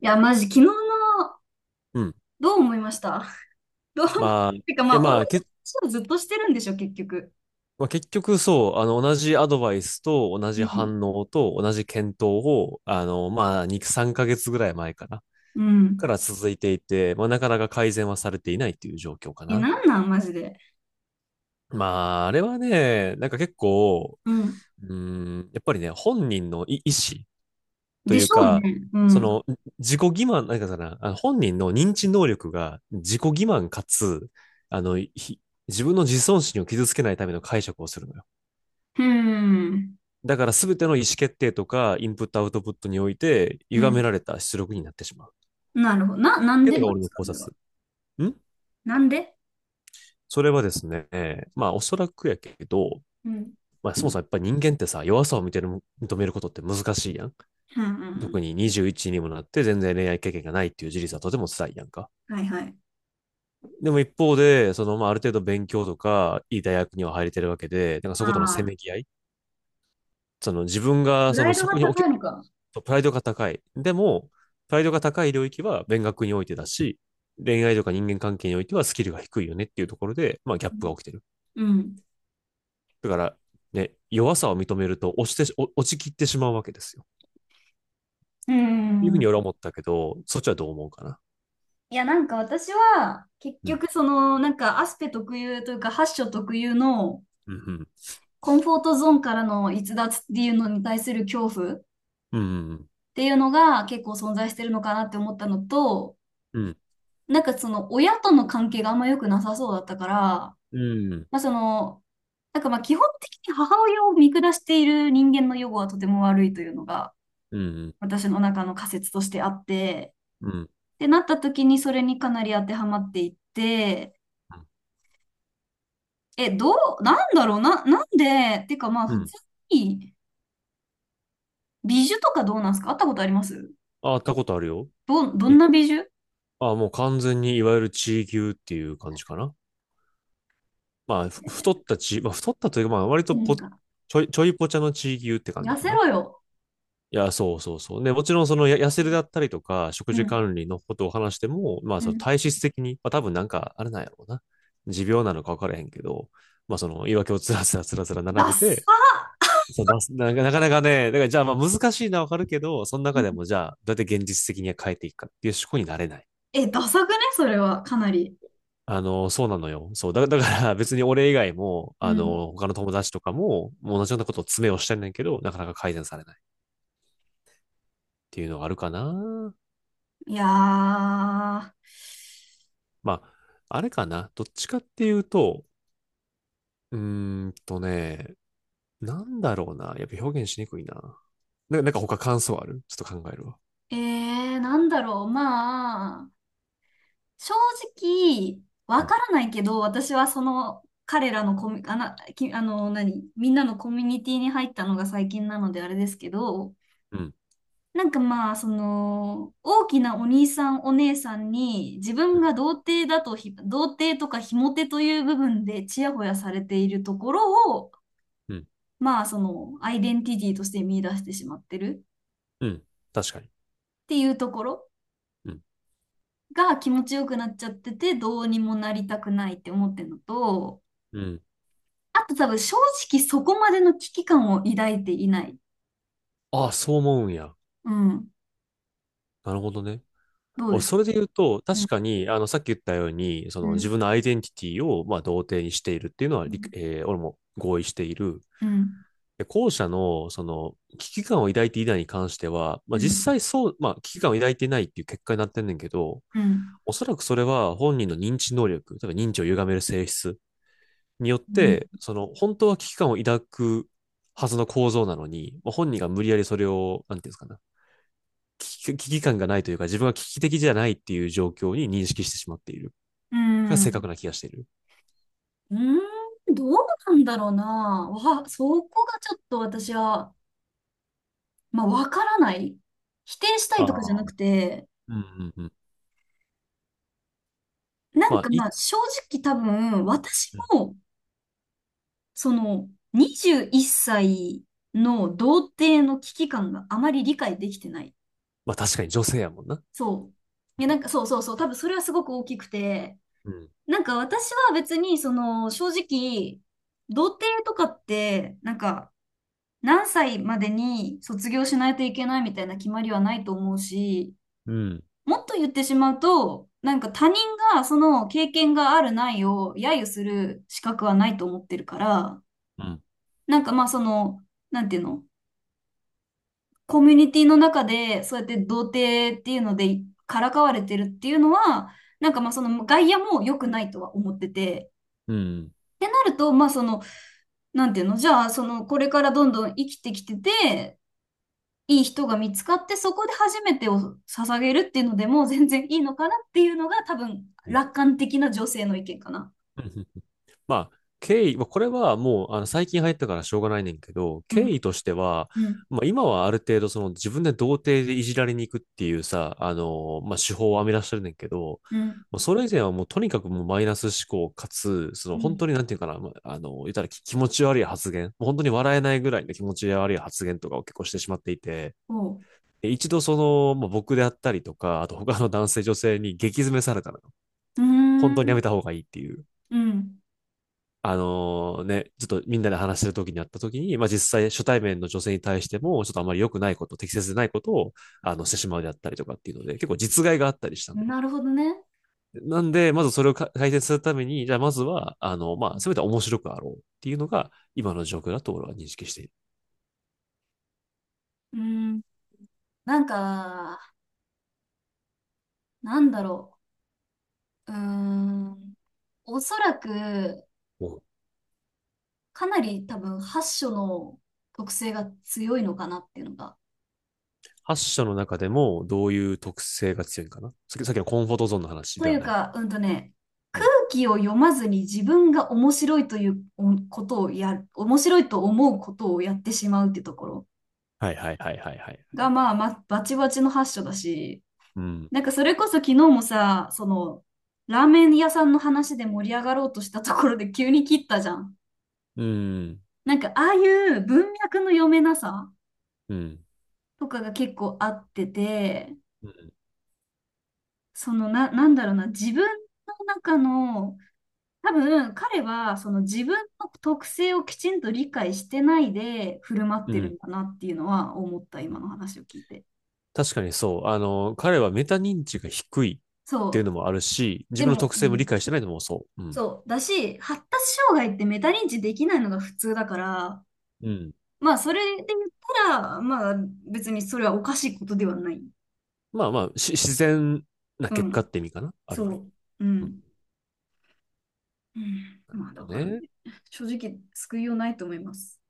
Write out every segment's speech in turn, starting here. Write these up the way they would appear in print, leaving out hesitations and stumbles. いや、マジ、昨日の、うん。どう思いました？ どう思まあ、いてか、やまあ、同まじあ、け、話をずっとしてるんでしょ、結局。まあ、結局そう、同じアドバイスと同うじん。反応と同じ検討を、まあ、2、3ヶ月ぐらい前かなうかん。ら続いていて、まあ、なかなか改善はされていないっていう状況かえ、な。なんなん、マジで。まあ、あれはね、なんか結構、うん。うーやっぱりね、本人の意思とでいしうょうか、ね。うそん。の、自己欺瞞、なんかさな、あの本人の認知能力が自己欺瞞かつ、あの、ひ自分の自尊心を傷つけないための解釈をするのよ。うん。だから全ての意思決定とか、インプットアウトプットにおいて、う歪ん。められた出力になってしまう。っなるほど。な、なんていうでのがなん俺ですのか、考それは。察。んなんでそれはですね、まあおそらくやけど、うん。まあそもそもやっぱり人間ってさ、弱さを認める、認めることって難しいやん。うん、う特ん。に21にもなって全然恋愛経験がないっていう事実はとても辛いやんか。はいはい。でも一方で、そのまあある程度勉強とか、いい大学には入れてるわけで、なんかそことのせああ、めぎ合いその自分プがそラのイドそがこに高置いのか。そうプライドが高い。でも、プライドが高い領域は勉学においてだし、恋愛とか人間関係においてはスキルが低いよねっていうところで、まあギャップが起きてうる。ん。だから、ね、弱さを認めると落ちきってしまうわけですよ。っうていうふうにん。俺は思ったけど、そっちはどう思うかな。いや、なんか私は、結うん。局、その、なんか、アスペ特有というか、ハッショ特有の、うん。コンフォートゾーンからの逸脱っていうのに対する恐怖っうん。ていうのが結構存在してるのかなって思ったのと、うん。うん。なんかその親との関係があんま良くなさそうだったから、うん。まあその、なんかまあ基本的に母親を見下している人間の予後はとても悪いというのがうん。うん。私の中の仮説としてあって、うん。ってなった時にそれにかなり当てはまっていって、え、どう、なんだろうな、なんで、てかまあう普ん。通に美女とかどうなんですか？会ったことあります？あ、あったことあるよ。ど、どにんな美女？あ、もう完全にいわゆる地位牛っていう感じかな。まあ、ふ太ったち、まあ、太ったというか、まあ、割となんぽ、ちか、ょい、ちょいぽちゃの地域牛って感痩じかせな。ろよ。いや、そうそうそう。ね、もちろん、その、痩せるだったりとか、食う事ん。管理のことを話しても、まあ、うそのん。体質的に、まあ、多分なんか、あれなんやろうな。持病なのか分からへんけど、まあ、その、言い訳をつらつらつらつら並ダべサて、ー。そう出すな、なかなかね、だから、じゃあ、まあ、難しいのは分かるけど、その中でも、じゃあ、どうやって現実的に変えていくかっていう思考になれない。え、ダサくねそれは、かなり。あの、そうなのよ。そう。だから別に俺以外も、うあん。の、他の友達とかも、もう同じようなことを詰めをしてんねんけど、なかなか改善されないっていうのがあるかな。いやー、まあ、あれかな。どっちかっていうと、うーんとね、なんだろうな。やっぱ表現しにくいな。なんか他感想あるちょっと考えるわ。なんだろう、まあ、正直、わうん、からないけど、私はその、彼らのコミ、あな、き、あの、何、みんなのコミュニティに入ったのが最近なのであれですけど、うん、なんかまあ、その、大きなお兄さんお姉さんに、自う分ん、が童貞だと童貞とかひも手という部分でちやほやされているところを、うん、まあ、その、アイデンティティとして見出してしまってるうん。確かに。っていうところうん、が気持ちよくなっちゃってて、どうにもなりたくないって思ってるのと、うん。あと多分正直そこまでの危機感を抱いていない。ああ、そう思うんや。うん。なるほどね。どうですか？それで言うと、う確ん。かに、あの、さっき言ったように、そうの自ん。分のアイデンティティを、まあ、同定にしているっていうのは、う理ん。えー俺も合意している。うん。で後者の、その、危機感を抱いていないに関しては、まあ、う実ん。際そう、まあ、危機感を抱いていないっていう結果になってんねんけど、うん。おそらくそれは本人の認知能力、例えば認知を歪める性質によって、その、本当は危機感を抱くはずの構造なのに、まあ、本人が無理やりそれを、なんていうんですかね、危機感がないというか、自分は危機的じゃないっていう状況に認識してしまっている。うが正ん。確な気がしている。うーん、どうなんだろうな。そこがちょっと私は、まあ、わからない。否定したあいとかじゃあ。なくて、うんうんうん。なまんあ、かい、まあ、正直多分、私うん。も、その、21歳の童貞の危機感があまり理解できてない。まあ確かに女性やもんな。そう。いうや、なん。んかそうそうそう、多分それはすごく大きくて、うん。なんか私は別に、その、正直、童貞とかって、なんか、何歳までに卒業しないといけないみたいな決まりはないと思うし、うん。もっと言ってしまうと、なんか他人がその経験があるないを揶揄する資格はないと思ってるから、うん。なんかまあその、なんていうの、コミュニティの中でそうやって童貞っていうのでからかわれてるっていうのは、なんかまあその外野も良くないとは思ってて、うん。うん。ってなると、まあその、なんていうの、じゃあ、その、これからどんどん生きてきてて、いい人が見つかって、そこで初めてを捧げるっていうのでも全然いいのかなっていうのが多分うん。楽観的な女性の意見かな。うん。まあ、経緯、まあこれはもう、あの、最近入ったからしょうがないねんけど、う経ん、緯としては、うん、まあ、今はある程度、その、自分で童貞でいじられに行くっていうさ、あの、まあ、手法を編み出してるねんけど、うん。もうそれ以前はもう、とにかくもうマイナス思考かつ、そうの、本ん。当になんていうかな、まああの、言ったらき気持ち悪い発言、もう本当に笑えないぐらいの気持ち悪い発言とかを結構してしまっていて、おう。で一度その、まあ、僕であったりとか、あと他の男性女性に激詰めされたのよ。うー本当にやん。めた方がいいっていう。うん。あのーね、ちょっとみんなで話してる時にあった時に、まあ実際初対面の女性に対しても、ちょっとあまり良くないこと、適切でないことを、あの、してしまうであったりとかっていうので、結構実害があったりしたんだよ。なるほどね。なんで、まずそれを改善するために、じゃあまずは、あの、まあ、せめて面白くあろうっていうのが、今の状況だと俺は認識している。うん。なんか、なんだろう。うーん。おそらく、うん。かなり多分、8書の特性が強いのかなっていうのが、はっ社の中でもどういう特性が強いのかな？さっきさっきのコンフォートゾーンの話とでいはうない？か、うんとね、う空ん。気を読まずに自分が面白いというおことをやる、面白いと思うことをやってしまうってところはいはいはいはいはい。が、まあ、バチバチの発祥だし、なんかそれこそ昨日もさ、その、ラーメン屋さんの話で盛り上がろうとしたところで急に切ったじゃん。うん。なんかああいう文脈の読めなさうん。とかが結構あってて、うん。そのな、なんだろうな、自分の中の多分彼はその自分の特性をきちんと理解してないで振る舞っうてるん。んだなっていうのは思ったう今ん。の話を聞いて。確かにそう。あの、彼はメタ認知が低いっていうそのもあるし、う。自で分のも、特う性も理ん、解してないのもそう。うん。そうだし発達障害ってメタ認知できないのが普通だから、うん。まあそれで言ったらまあ別にそれはおかしいことではない。まあまあ、自然なう結果っん。て意味かな。あるそ意味。う。ううん。ん。うん、まあだとからね、ね。正直救いようないと思います。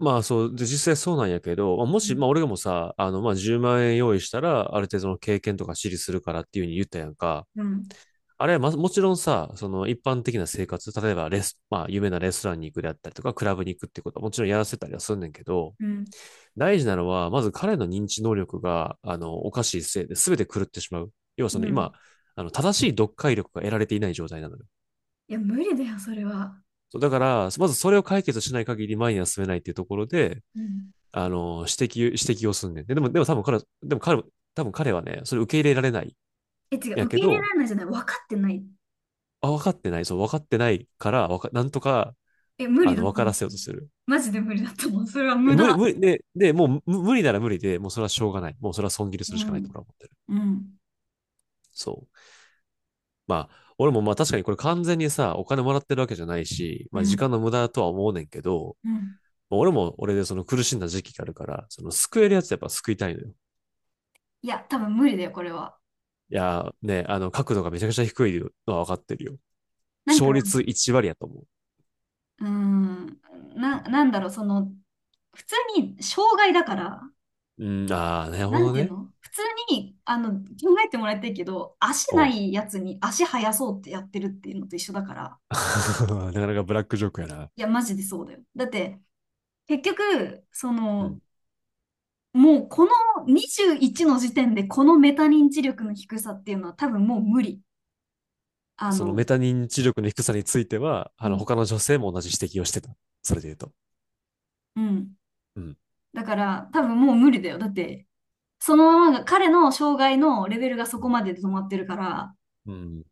まあそう、で、実際そうなんやけど、まあもうし、まあん。俺がもさ、あの、まあ10万円用意したら、ある程度の経験とか知りするからっていうふうに言ったやんか。うん。あれは、ま、もちろんさ、その一般的な生活、例えばレス、まあ有名なレストランに行くであったりとか、クラブに行くってことはもちろんやらせたりはすんねんけど、うん。大事なのは、まず彼の認知能力が、あの、おかしいせいで全て狂ってしまう。要はそのう今、ん。あの、正しい読解力が得られていない状態なのよ。いや無理だよそれは。そうだから、まずそれを解決しない限り前には進めないっていうところで、うん。あの、指摘をすんねん。で、でも、でも多分彼は、でも彼も、多分彼はね、それ受け入れられない。え、違う、やけ受け入れらど、れないじゃない、分かってない。あ、分かってない。そう、分かってないから、わか、なんとか、え、無あ理の、だ分とか思らう。せようとする。マジで無理だと思う。それはで、無無理、駄。無理、で、で、もう無理なら無理で、もうそれはしょうがない。もうそれは損切りするうしかないとん、俺は思ってる。うん、そう。まあ、俺もまあ確かにこれ完全にさ、お金もらってるわけじゃないし、うまあ時ん、間の無駄とは思うねんけど、うん。俺も俺でその苦しんだ時期があるから、その救えるやつやっぱ救いたいのよ。いや、多分無理だよ、これは。いやー、ね、あの角度がめちゃくちゃ低いのは分かってるよ。なんか、勝率1割やと思うーん、なんだろう、その、普通に障害だから、う。うん、ああ、なるなほんどていうね。の普通に、あの、考えてもらいたいけど、足うなん。いやつに足生やそうってやってるっていうのと一緒だから、なかなかブラックジョークやな。いや、マジでそうだよ。だって、結局、そうん。の、もうこの21の時点でこのメタ認知力の低さっていうのは多分もう無理。あそのメの、タ認知力の低さについては、うあのん。他の女性も同じ指摘をしてた。それで言うと。うん、うん。だから多分もう無理だよ。だって、そのままが彼の障害のレベルがそこまでで止まってるから、うん。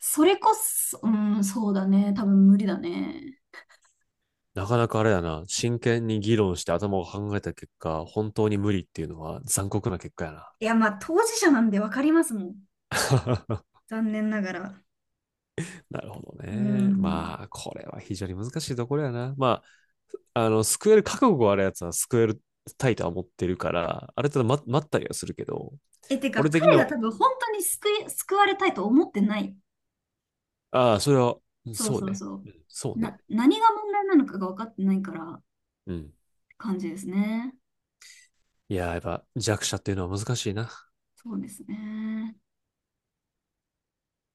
それこそ、うん、そうだね。多分無理だね。なかなかあれだな、真剣に議論して頭を考えた結果、本当に無理っていうのは残酷な結果やな。いや、まあ当事者なんでわかりますもん。残念ながら。なるほどうね。ん。まあ、これは非常に難しいところやな。まあ、あの、救える覚悟があるやつは救えるタイとは思ってるから、ある程度待ったりはするけど、え、てか俺的彼には、が多分本当に救われたいと思ってない。ああ、それは、そうそうそうね。そそうう。ね。何が問題なのかが分かってないから。うん。感じですね。いややっぱ弱者っていうのは難しいな。そうですね。